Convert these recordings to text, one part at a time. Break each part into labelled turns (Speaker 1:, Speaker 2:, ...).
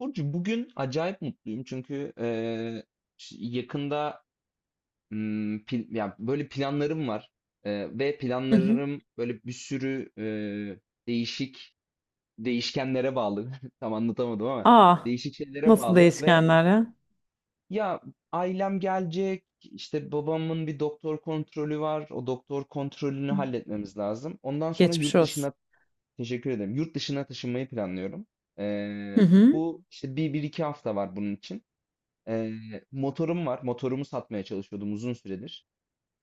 Speaker 1: Burcu, bugün acayip mutluyum çünkü yakında ya böyle planlarım var. Ve
Speaker 2: Hı hı.
Speaker 1: planlarım böyle bir sürü değişik değişkenlere bağlı. Tam anlatamadım ama
Speaker 2: Aa,
Speaker 1: değişik şeylere
Speaker 2: nasıl
Speaker 1: bağlı ve
Speaker 2: değişkenler ya?
Speaker 1: ya ailem gelecek işte, babamın bir doktor kontrolü var, o doktor kontrolünü
Speaker 2: Hı.
Speaker 1: halletmemiz lazım, ondan sonra
Speaker 2: Geçmiş
Speaker 1: yurt
Speaker 2: olsun.
Speaker 1: dışına. Teşekkür ederim. Yurt dışına taşınmayı planlıyorum.
Speaker 2: Hı
Speaker 1: Eee,
Speaker 2: hı.
Speaker 1: Bu işte bir iki hafta var bunun için. Motorum var. Motorumu satmaya çalışıyordum uzun süredir.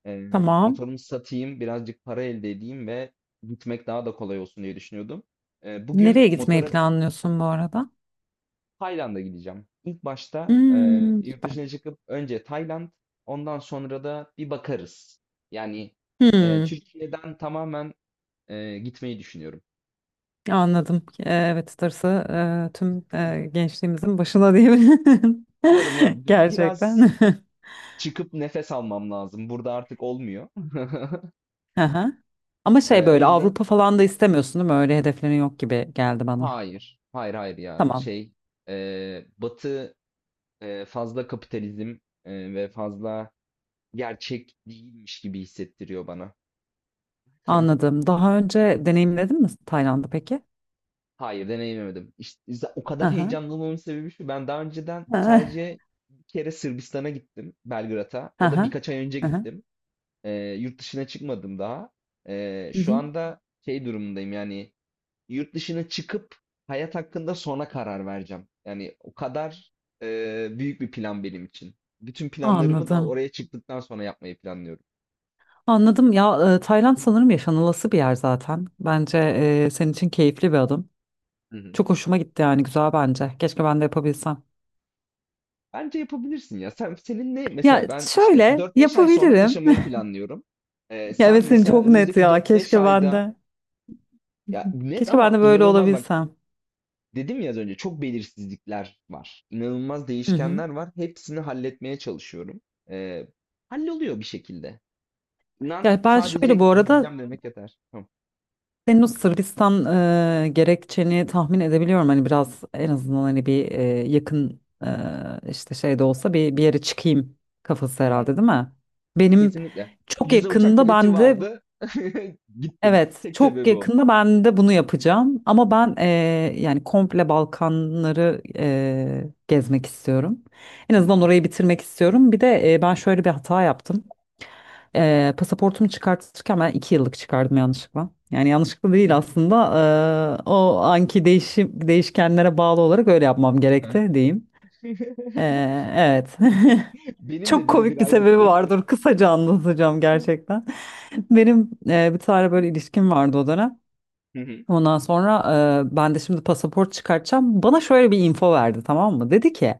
Speaker 1: Eee,
Speaker 2: Tamam.
Speaker 1: Motorumu satayım, birazcık para elde edeyim ve gitmek daha da kolay olsun diye düşünüyordum. Bugün
Speaker 2: Nereye gitmeyi
Speaker 1: motora.
Speaker 2: planlıyorsun bu arada?
Speaker 1: Tayland'a gideceğim. İlk başta
Speaker 2: Hmm,
Speaker 1: yurt
Speaker 2: süper.
Speaker 1: dışına çıkıp önce Tayland, ondan sonra da bir bakarız. Yani
Speaker 2: Hmm,
Speaker 1: Türkiye'den tamamen gitmeyi düşünüyorum.
Speaker 2: anladım. Evet, Stars'ı tüm gençliğimizin başına diyebilirim.
Speaker 1: Umarım, umarım. Biraz
Speaker 2: Gerçekten.
Speaker 1: çıkıp nefes almam lazım. Burada artık olmuyor.
Speaker 2: Aha. Ama şey
Speaker 1: O
Speaker 2: böyle
Speaker 1: yüzden
Speaker 2: Avrupa falan da istemiyorsun değil mi? Öyle hedeflerin yok gibi geldi bana.
Speaker 1: hayır, hayır, hayır ya.
Speaker 2: Tamam.
Speaker 1: Şey, Batı, fazla kapitalizm, ve fazla gerçek değilmiş gibi hissettiriyor bana.
Speaker 2: Anladım. Daha önce deneyimledin mi Tayland'ı peki?
Speaker 1: Hayır, deneyimlemedim. İşte, o kadar
Speaker 2: Aha.
Speaker 1: heyecanlı olmamın sebebi şu. Ben daha önceden
Speaker 2: Aha.
Speaker 1: sadece bir kere Sırbistan'a gittim, Belgrad'a. O da
Speaker 2: Aha.
Speaker 1: birkaç ay önce
Speaker 2: Aha.
Speaker 1: gittim. E, Yurt dışına çıkmadım daha. Şu anda şey durumundayım, yani yurt dışına çıkıp hayat hakkında sonra karar vereceğim. Yani o kadar büyük bir plan benim için. Bütün planlarımı da
Speaker 2: Anladım.
Speaker 1: oraya çıktıktan sonra yapmayı planlıyorum.
Speaker 2: Anladım ya, Tayland sanırım yaşanılası bir yer zaten. Bence senin için keyifli bir adım.
Speaker 1: Hı hı.
Speaker 2: Çok hoşuma gitti yani güzel bence. Keşke ben de yapabilsem.
Speaker 1: Bence yapabilirsin ya. Sen, senin ne, mesela
Speaker 2: Ya
Speaker 1: ben işte
Speaker 2: şöyle
Speaker 1: dört beş ay sonra
Speaker 2: yapabilirim.
Speaker 1: taşımayı planlıyorum.
Speaker 2: Ya
Speaker 1: Sen
Speaker 2: evet senin
Speaker 1: mesela
Speaker 2: çok net
Speaker 1: önümüzdeki
Speaker 2: ya.
Speaker 1: dört beş
Speaker 2: Keşke ben
Speaker 1: ayda,
Speaker 2: de.
Speaker 1: ya net
Speaker 2: Keşke ben
Speaker 1: ama
Speaker 2: de böyle
Speaker 1: inanılmaz, bak
Speaker 2: olabilsem.
Speaker 1: dedim ya az önce, çok belirsizlikler var. İnanılmaz
Speaker 2: Hı hı.
Speaker 1: değişkenler var. Hepsini halletmeye çalışıyorum. Ee, Halloluyor bir şekilde.
Speaker 2: Ya ben
Speaker 1: Sadece
Speaker 2: şöyle bu arada
Speaker 1: gideceğim demek yeter. Tamam.
Speaker 2: senin o Sırbistan gerekçeni tahmin edebiliyorum. Hani biraz en azından hani bir yakın işte şey de olsa bir yere çıkayım kafası
Speaker 1: Hı hı.
Speaker 2: herhalde değil mi? Benim
Speaker 1: Kesinlikle.
Speaker 2: çok
Speaker 1: Ucuza uçak
Speaker 2: yakında
Speaker 1: bileti
Speaker 2: ben de
Speaker 1: vardı. Gittim.
Speaker 2: evet
Speaker 1: Tek
Speaker 2: çok
Speaker 1: sebebi o.
Speaker 2: yakında ben de bunu yapacağım. Ama ben yani komple Balkanları gezmek istiyorum. En
Speaker 1: Hı hı.
Speaker 2: azından orayı bitirmek istiyorum. Bir de ben şöyle bir hata yaptım. Pasaportumu çıkartırken ben iki yıllık çıkardım yanlışlıkla. Yani yanlışlıkla değil aslında. O anki değişkenlere bağlı olarak öyle yapmam gerekti diyeyim. Evet.
Speaker 1: Benim de
Speaker 2: Çok
Speaker 1: birebir
Speaker 2: komik bir sebebi
Speaker 1: aynısı.
Speaker 2: vardır. Kısaca anlatacağım
Speaker 1: Hı
Speaker 2: gerçekten. Benim bir tane böyle ilişkim vardı o dönem.
Speaker 1: hı.
Speaker 2: Ondan sonra ben de şimdi pasaport çıkartacağım. Bana şöyle bir info verdi, tamam mı? Dedi ki,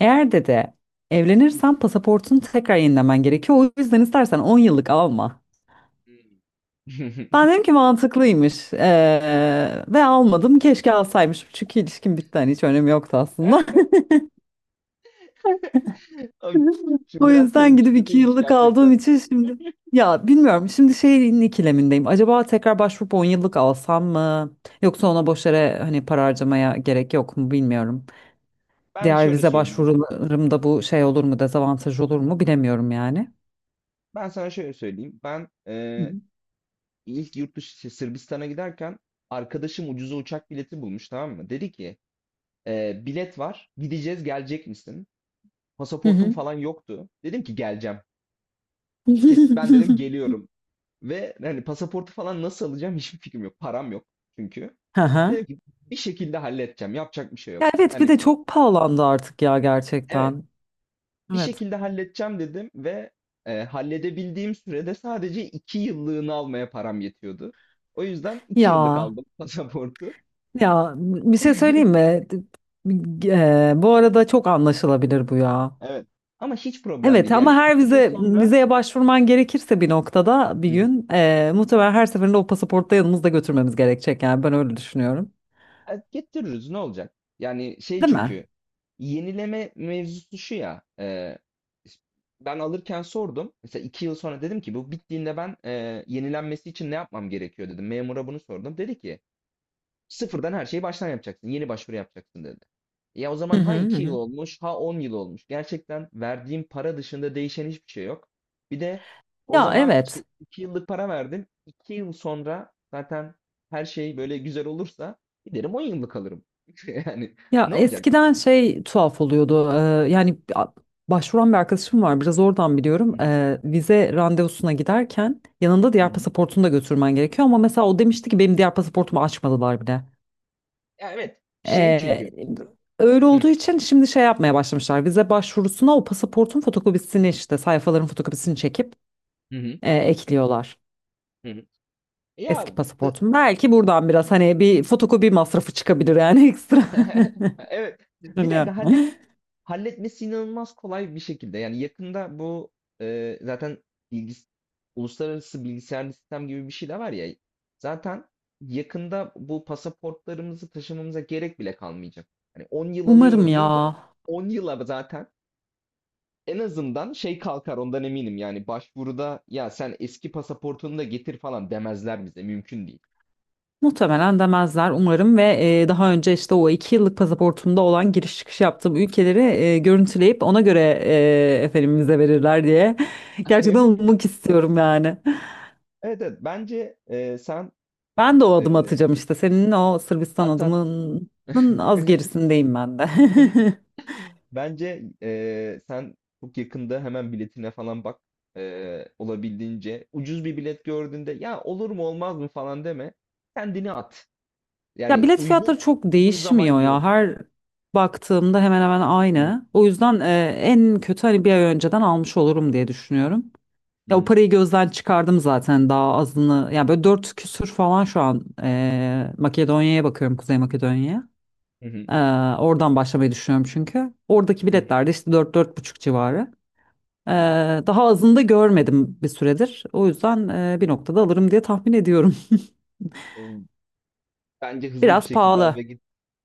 Speaker 2: eğer dedi evlenirsen pasaportunu tekrar yenilemen gerekiyor. O yüzden istersen 10 yıllık alma. Ben dedim ki mantıklıymış. Ve almadım. Keşke alsaymışım, çünkü ilişkim bitti, hani hiç önemi yoktu aslında.
Speaker 1: Abi. Şimdi
Speaker 2: O
Speaker 1: biraz
Speaker 2: yüzden
Speaker 1: şeymiş,
Speaker 2: gidip iki
Speaker 1: kötüymüş
Speaker 2: yıllık aldığım
Speaker 1: gerçekten.
Speaker 2: için şimdi ya bilmiyorum şimdi şeyin ikilemindeyim. Acaba tekrar başvurup 10 yıllık alsam mı? Yoksa ona boş yere hani para harcamaya gerek yok mu bilmiyorum.
Speaker 1: Ben
Speaker 2: Diğer
Speaker 1: şöyle
Speaker 2: vize
Speaker 1: söyleyeyim.
Speaker 2: başvurularımda bu şey olur mu, dezavantaj olur mu bilemiyorum yani.
Speaker 1: Ben sana şöyle söyleyeyim. Ben
Speaker 2: Hı
Speaker 1: ilk yurt dışı şey, Sırbistan'a giderken arkadaşım ucuza uçak bileti bulmuş, tamam mı? Dedi ki: Bilet var. Gideceğiz, gelecek misin? Pasaportum
Speaker 2: hı.
Speaker 1: falan yoktu. Dedim ki geleceğim. Kes, ben dedim geliyorum. Ve hani pasaportu falan nasıl alacağım hiçbir fikrim yok. Param yok çünkü.
Speaker 2: Hı hı.
Speaker 1: Dedim ki bir şekilde halledeceğim. Yapacak bir şey yok.
Speaker 2: Ya evet, bir
Speaker 1: Hani
Speaker 2: de çok pahalandı artık ya
Speaker 1: evet,
Speaker 2: gerçekten.
Speaker 1: bir
Speaker 2: Evet.
Speaker 1: şekilde halledeceğim dedim ve halledebildiğim sürede sadece iki yıllığını almaya param yetiyordu. O yüzden iki yıllık
Speaker 2: Ya
Speaker 1: aldım pasaportu.
Speaker 2: ya bir şey söyleyeyim mi? Bu arada çok anlaşılabilir bu ya.
Speaker 1: Evet. Ama hiç problem
Speaker 2: Evet,
Speaker 1: değil.
Speaker 2: ama
Speaker 1: Yani
Speaker 2: her
Speaker 1: iki yıl sonra.
Speaker 2: vizeye başvurman gerekirse bir noktada bir gün muhtemelen her seferinde o pasaportta yanımızda götürmemiz gerekecek, yani ben öyle düşünüyorum.
Speaker 1: Getiririz, ne olacak? Yani şey,
Speaker 2: Değil mi?
Speaker 1: çünkü yenileme mevzusu şu ya. Ben alırken sordum. Mesela iki yıl sonra dedim ki bu bittiğinde ben, yenilenmesi için ne yapmam gerekiyor dedim. Memura bunu sordum. Dedi ki sıfırdan her şeyi baştan yapacaksın. Yeni başvuru yapacaksın dedi. Ya o
Speaker 2: Hı
Speaker 1: zaman ha
Speaker 2: hı hı.
Speaker 1: 2 yıl
Speaker 2: Hı.
Speaker 1: olmuş, ha 10 yıl olmuş. Gerçekten verdiğim para dışında değişen hiçbir şey yok. Bir de o
Speaker 2: Ya
Speaker 1: zaman
Speaker 2: evet.
Speaker 1: işte 2 yıllık para verdim. İki yıl sonra zaten her şey böyle güzel olursa giderim, 10 yıllık alırım. Yani
Speaker 2: Ya
Speaker 1: ne olacak?
Speaker 2: eskiden şey tuhaf oluyordu. Yani başvuran bir arkadaşım var. Biraz oradan
Speaker 1: Hı
Speaker 2: biliyorum.
Speaker 1: hı,
Speaker 2: E, vize randevusuna giderken yanında
Speaker 1: hı
Speaker 2: diğer
Speaker 1: hı.
Speaker 2: pasaportunu da götürmen gerekiyor. Ama mesela o demişti ki benim diğer pasaportumu açmadılar bile.
Speaker 1: Ya evet. Şey,
Speaker 2: E,
Speaker 1: çünkü.
Speaker 2: öyle olduğu için şimdi şey yapmaya başlamışlar. Vize başvurusuna o pasaportun fotokopisini, işte sayfaların fotokopisini çekip
Speaker 1: Hı hı.
Speaker 2: ekliyorlar.
Speaker 1: Hı hı.
Speaker 2: Eski
Speaker 1: Ya d-
Speaker 2: pasaportum. Belki buradan biraz hani bir fotokopi masrafı çıkabilir yani ekstra.
Speaker 1: evet. Bir de
Speaker 2: Düşünüyorum.
Speaker 1: halletmesi inanılmaz kolay bir şekilde. Yani yakında bu, zaten bilgis uluslararası bilgisayarlı sistem gibi bir şey de var ya. Zaten yakında bu pasaportlarımızı taşımamıza gerek bile kalmayacak. Hani 10 yıl
Speaker 2: Umarım
Speaker 1: alıyorum diyorum da
Speaker 2: ya.
Speaker 1: 10 yıla zaten en azından şey kalkar ondan eminim. Yani başvuruda ya sen eski pasaportunu da getir falan demezler bize. Mümkün değil.
Speaker 2: Muhtemelen demezler umarım ve daha önce işte o iki yıllık pasaportumda olan giriş çıkış yaptığım ülkeleri görüntüleyip ona göre efendim vize verirler diye gerçekten ummak istiyorum yani.
Speaker 1: Evet, evet, bence sen
Speaker 2: Ben de o adımı
Speaker 1: e,
Speaker 2: atacağım, işte senin o Sırbistan
Speaker 1: at
Speaker 2: adımının az gerisindeyim ben de.
Speaker 1: bence sen çok yakında hemen biletine falan bak. Olabildiğince ucuz bir bilet gördüğünde ya olur mu olmaz mı falan deme. Kendini at.
Speaker 2: Ya
Speaker 1: Yani
Speaker 2: bilet
Speaker 1: uygun
Speaker 2: fiyatları çok
Speaker 1: uygun zaman
Speaker 2: değişmiyor ya,
Speaker 1: yok.
Speaker 2: her baktığımda hemen hemen
Speaker 1: Hı
Speaker 2: aynı. O yüzden en kötü hani bir ay önceden almış olurum diye düşünüyorum. Ya o
Speaker 1: hı,
Speaker 2: parayı gözden çıkardım zaten, daha azını. Yani böyle dört küsür falan şu an Makedonya'ya bakıyorum, Kuzey Makedonya'ya.
Speaker 1: hı hı,
Speaker 2: Oradan başlamayı düşünüyorum çünkü. Oradaki
Speaker 1: hı
Speaker 2: biletler de işte dört dört buçuk civarı.
Speaker 1: hı, hı. Hı.
Speaker 2: Daha azını da görmedim bir süredir. O yüzden bir noktada alırım diye tahmin ediyorum.
Speaker 1: O- Bence hızlı bir
Speaker 2: Biraz
Speaker 1: şekilde al ve
Speaker 2: pahalı,
Speaker 1: git.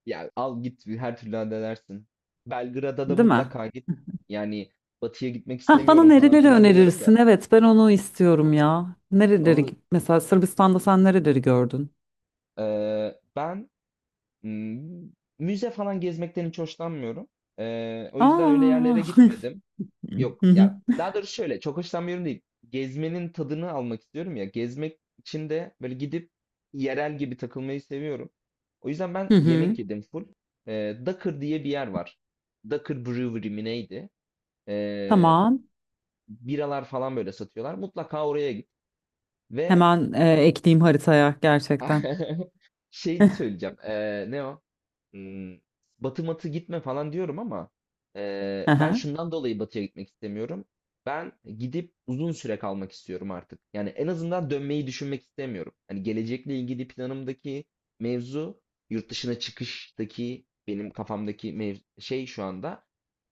Speaker 1: Ya al git, her türlü halledersin. Belgrad'a da
Speaker 2: değil mi?
Speaker 1: mutlaka git. Yani batıya gitmek
Speaker 2: Hah, bana
Speaker 1: istemiyorum falan
Speaker 2: nereleri
Speaker 1: filan diyorum da.
Speaker 2: önerirsin? Evet, ben onu istiyorum ya. Nereleri
Speaker 1: Onu
Speaker 2: mesela Sırbistan'da sen nereleri gördün?
Speaker 1: ben, Imm, müze falan gezmekten hiç hoşlanmıyorum. O yüzden öyle yerlere
Speaker 2: Aa.
Speaker 1: gitmedim. Yok
Speaker 2: Hı hı.
Speaker 1: ya, daha doğrusu şöyle, çok hoşlanmıyorum değil. Gezmenin tadını almak istiyorum ya. Gezmek için de böyle gidip yerel gibi takılmayı seviyorum. O yüzden ben
Speaker 2: Hı hı.
Speaker 1: yemek yedim full. Dakır diye bir yer var. Dakır Brewery mi neydi? Eee,
Speaker 2: Tamam.
Speaker 1: Biralar falan böyle satıyorlar. Mutlaka oraya git. Ve
Speaker 2: Hemen ekleyeyim haritaya gerçekten.
Speaker 1: şeydi söyleyeceğim. Ne o? Hmm, Batı matı gitme falan diyorum ama ben
Speaker 2: Aha,
Speaker 1: şundan dolayı batıya gitmek istemiyorum. Ben gidip uzun süre kalmak istiyorum artık. Yani en azından dönmeyi düşünmek istemiyorum. Hani gelecekle ilgili planımdaki mevzu, yurt dışına çıkıştaki benim kafamdaki şey, şu anda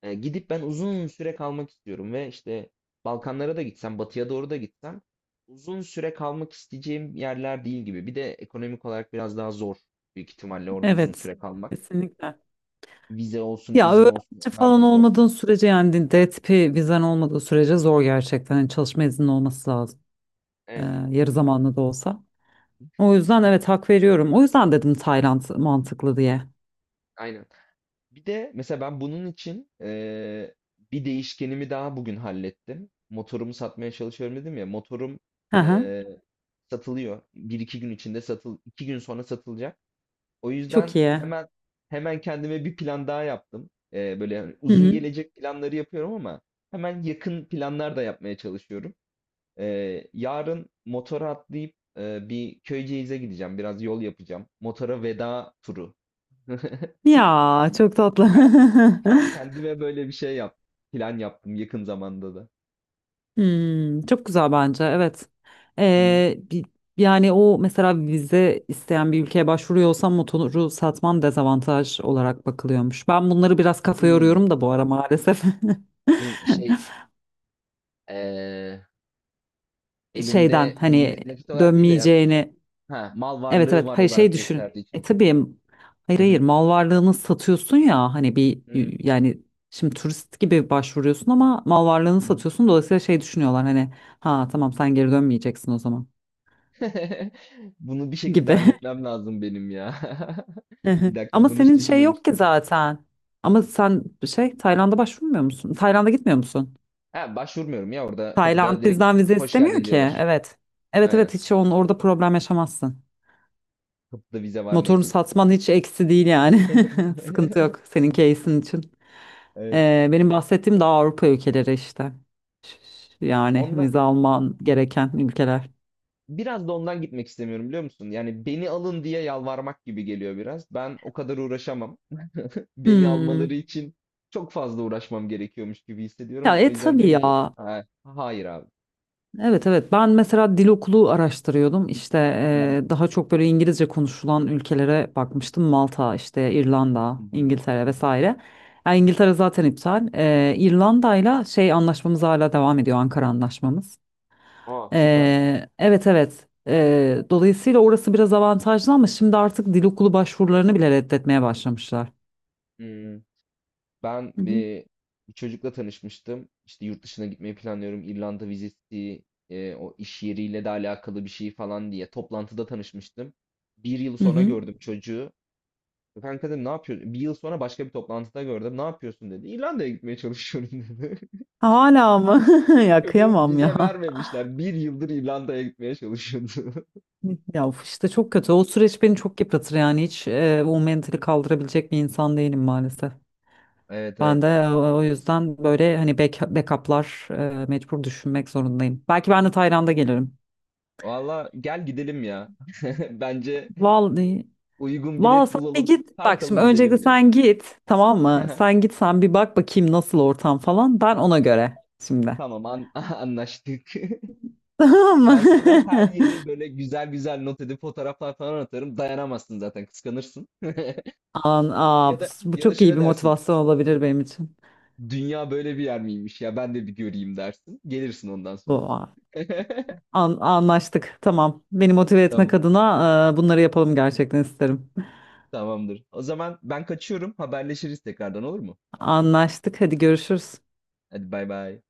Speaker 1: gidip ben uzun süre kalmak istiyorum ve işte Balkanlara da gitsem, batıya doğru da gitsem uzun süre kalmak isteyeceğim yerler değil gibi. Bir de ekonomik olarak biraz daha zor, büyük ihtimalle orada uzun
Speaker 2: evet,
Speaker 1: süre kalmak.
Speaker 2: kesinlikle.
Speaker 1: Vize olsun,
Speaker 2: Ya
Speaker 1: izin olsun
Speaker 2: öğrenci
Speaker 1: onlar
Speaker 2: falan
Speaker 1: da zor.
Speaker 2: olmadığın sürece, yani D tipi vizen olmadığı sürece zor gerçekten. Yani çalışma izninin olması lazım. E,
Speaker 1: Evet,
Speaker 2: yarı zamanlı da olsa. O yüzden evet, hak veriyorum. O yüzden dedim Tayland mantıklı diye.
Speaker 1: aynen. Bir de mesela ben bunun için bir değişkenimi daha bugün hallettim. Motorumu satmaya çalışıyorum dedim ya. Motorum
Speaker 2: Aha,
Speaker 1: eee, satılıyor. Bir iki gün içinde iki gün sonra satılacak. O
Speaker 2: çok
Speaker 1: yüzden
Speaker 2: iyi.
Speaker 1: hemen hemen kendime bir plan daha yaptım. Böyle hani
Speaker 2: Hı
Speaker 1: uzun
Speaker 2: hı.
Speaker 1: gelecek planları yapıyorum ama hemen yakın planlar da yapmaya çalışıyorum. Yarın motora atlayıp bir Köyceğiz'e gideceğim. Biraz yol yapacağım. Motora veda turu. Ke-
Speaker 2: Ya çok tatlı.
Speaker 1: Kendime böyle bir şey yap. Plan yaptım yakın zamanda da.
Speaker 2: Hmm, çok güzel bence, evet.
Speaker 1: Hmm.
Speaker 2: Ee, bi- Yani o mesela vize isteyen bir ülkeye başvuruyorsam motoru satman dezavantaj olarak bakılıyormuş. Ben bunları biraz kafa
Speaker 1: Hmm,
Speaker 2: yoruyorum da bu ara maalesef.
Speaker 1: şey eee,
Speaker 2: Şeyden
Speaker 1: elinde
Speaker 2: hani
Speaker 1: nakit olarak değil de ya,
Speaker 2: dönmeyeceğini,
Speaker 1: ha, mal
Speaker 2: evet
Speaker 1: varlığı
Speaker 2: evet,
Speaker 1: var
Speaker 2: hayır şey
Speaker 1: olarak
Speaker 2: düşün.
Speaker 1: gösterdiği
Speaker 2: E
Speaker 1: için.
Speaker 2: tabii, hayır
Speaker 1: Hı hı,
Speaker 2: hayır, mal varlığını satıyorsun ya hani bir,
Speaker 1: hı hı,
Speaker 2: yani şimdi turist gibi başvuruyorsun ama mal varlığını
Speaker 1: hı hı.
Speaker 2: satıyorsun, dolayısıyla şey düşünüyorlar hani, ha tamam sen geri dönmeyeceksin o zaman
Speaker 1: Bunu bir şekilde
Speaker 2: gibi.
Speaker 1: halletmem lazım benim ya.
Speaker 2: Hı hı.
Speaker 1: Bir dakika
Speaker 2: Ama
Speaker 1: bunu hiç
Speaker 2: senin şey yok ki
Speaker 1: düşünmemiştim.
Speaker 2: zaten. Ama sen şey, Tayland'a başvurmuyor musun? Tayland'a gitmiyor musun?
Speaker 1: Ha, başvurmuyorum ya, orada kapıda
Speaker 2: Tayland
Speaker 1: direkt
Speaker 2: bizden vize
Speaker 1: hoş
Speaker 2: istemiyor
Speaker 1: geldin
Speaker 2: ki.
Speaker 1: diyorlar.
Speaker 2: Evet. Evet
Speaker 1: Aynen.
Speaker 2: evet, hiç onun orada problem yaşamazsın.
Speaker 1: Kapıda vize var
Speaker 2: Motorunu
Speaker 1: neyse ki.
Speaker 2: satman hiç eksi değil yani. Sıkıntı yok senin case'in için.
Speaker 1: Evet.
Speaker 2: Benim bahsettiğim daha Avrupa ülkeleri işte. Ş- Yani
Speaker 1: Ondan,
Speaker 2: vize
Speaker 1: A-
Speaker 2: alman gereken ülkeler.
Speaker 1: biraz da ondan gitmek istemiyorum, biliyor musun? Yani beni alın diye yalvarmak gibi geliyor biraz. Ben o kadar uğraşamam. Beni almaları
Speaker 2: Hmm.
Speaker 1: için çok fazla uğraşmam gerekiyormuş gibi
Speaker 2: Ya
Speaker 1: hissediyorum. O
Speaker 2: e
Speaker 1: yüzden
Speaker 2: tabii
Speaker 1: diyorum ki:
Speaker 2: ya.
Speaker 1: Hayır abi.
Speaker 2: Evet evet, ben mesela dil okulu araştırıyordum işte,
Speaker 1: Hı hı,
Speaker 2: daha çok böyle İngilizce konuşulan ülkelere bakmıştım, Malta işte, İrlanda,
Speaker 1: hı hı,
Speaker 2: İngiltere
Speaker 1: hı hı."
Speaker 2: vesaire. Yani İngiltere zaten iptal. İrlanda'yla şey anlaşmamız hala devam ediyor, Ankara anlaşmamız.
Speaker 1: Aa, süper.
Speaker 2: Evet evet. Dolayısıyla orası biraz avantajlı, ama şimdi artık dil okulu başvurularını bile reddetmeye başlamışlar.
Speaker 1: Hmm, Ben
Speaker 2: Hı hı.
Speaker 1: bir çocukla tanışmıştım. İşte yurt dışına gitmeyi planlıyorum, İrlanda vizesi, o iş yeriyle de alakalı bir şey falan diye toplantıda tanışmıştım. Bir yıl
Speaker 2: Hı
Speaker 1: sonra
Speaker 2: hı.
Speaker 1: gördüm çocuğu. Kanka dedim, ne yapıyorsun? Bir yıl sonra başka bir toplantıda gördüm. Ne yapıyorsun dedi. İrlanda'ya gitmeye çalışıyorum dedi.
Speaker 2: Hala mı? Ya
Speaker 1: Çocuğu
Speaker 2: kıyamam ya.
Speaker 1: vize vermemişler. Bir yıldır İrlanda'ya gitmeye çalışıyordu.
Speaker 2: Ya of, işte çok kötü. O süreç beni çok yıpratır yani, hiç o mentali kaldırabilecek bir insan değilim maalesef.
Speaker 1: Evet,
Speaker 2: Ben
Speaker 1: evet.
Speaker 2: de o yüzden böyle hani backup'lar mecbur düşünmek zorundayım. Belki ben de Tayland'a gelirim.
Speaker 1: Valla, gel gidelim ya. Bence
Speaker 2: Vallahi,
Speaker 1: uygun
Speaker 2: vallahi
Speaker 1: bilet
Speaker 2: sen de
Speaker 1: bulalım.
Speaker 2: git. Bak şimdi
Speaker 1: Kalkalım,
Speaker 2: öncelikle
Speaker 1: gidelim ya.
Speaker 2: sen git tamam mı? Sen git, sen bir bak bakayım nasıl ortam falan. Ben ona göre şimdi.
Speaker 1: Tamam, anlaştık.
Speaker 2: Tamam mı?
Speaker 1: Ben sana her yeri böyle güzel güzel not edip fotoğraflar falan atarım. Dayanamazsın zaten, kıskanırsın.
Speaker 2: An,
Speaker 1: Ya
Speaker 2: aa,
Speaker 1: da
Speaker 2: bu
Speaker 1: ya da
Speaker 2: çok iyi
Speaker 1: şöyle
Speaker 2: bir
Speaker 1: dersin.
Speaker 2: motivasyon olabilir benim için.
Speaker 1: Dünya böyle bir yer miymiş ya, ben de bir göreyim dersin. Gelirsin ondan sonra.
Speaker 2: Bu. Anlaştık. Tamam. Beni motive etmek
Speaker 1: Tamam.
Speaker 2: adına bunları yapalım gerçekten isterim.
Speaker 1: Tamamdır. O zaman ben kaçıyorum. Haberleşiriz tekrardan, olur mu?
Speaker 2: Anlaştık. Hadi görüşürüz.
Speaker 1: Hadi bay bay.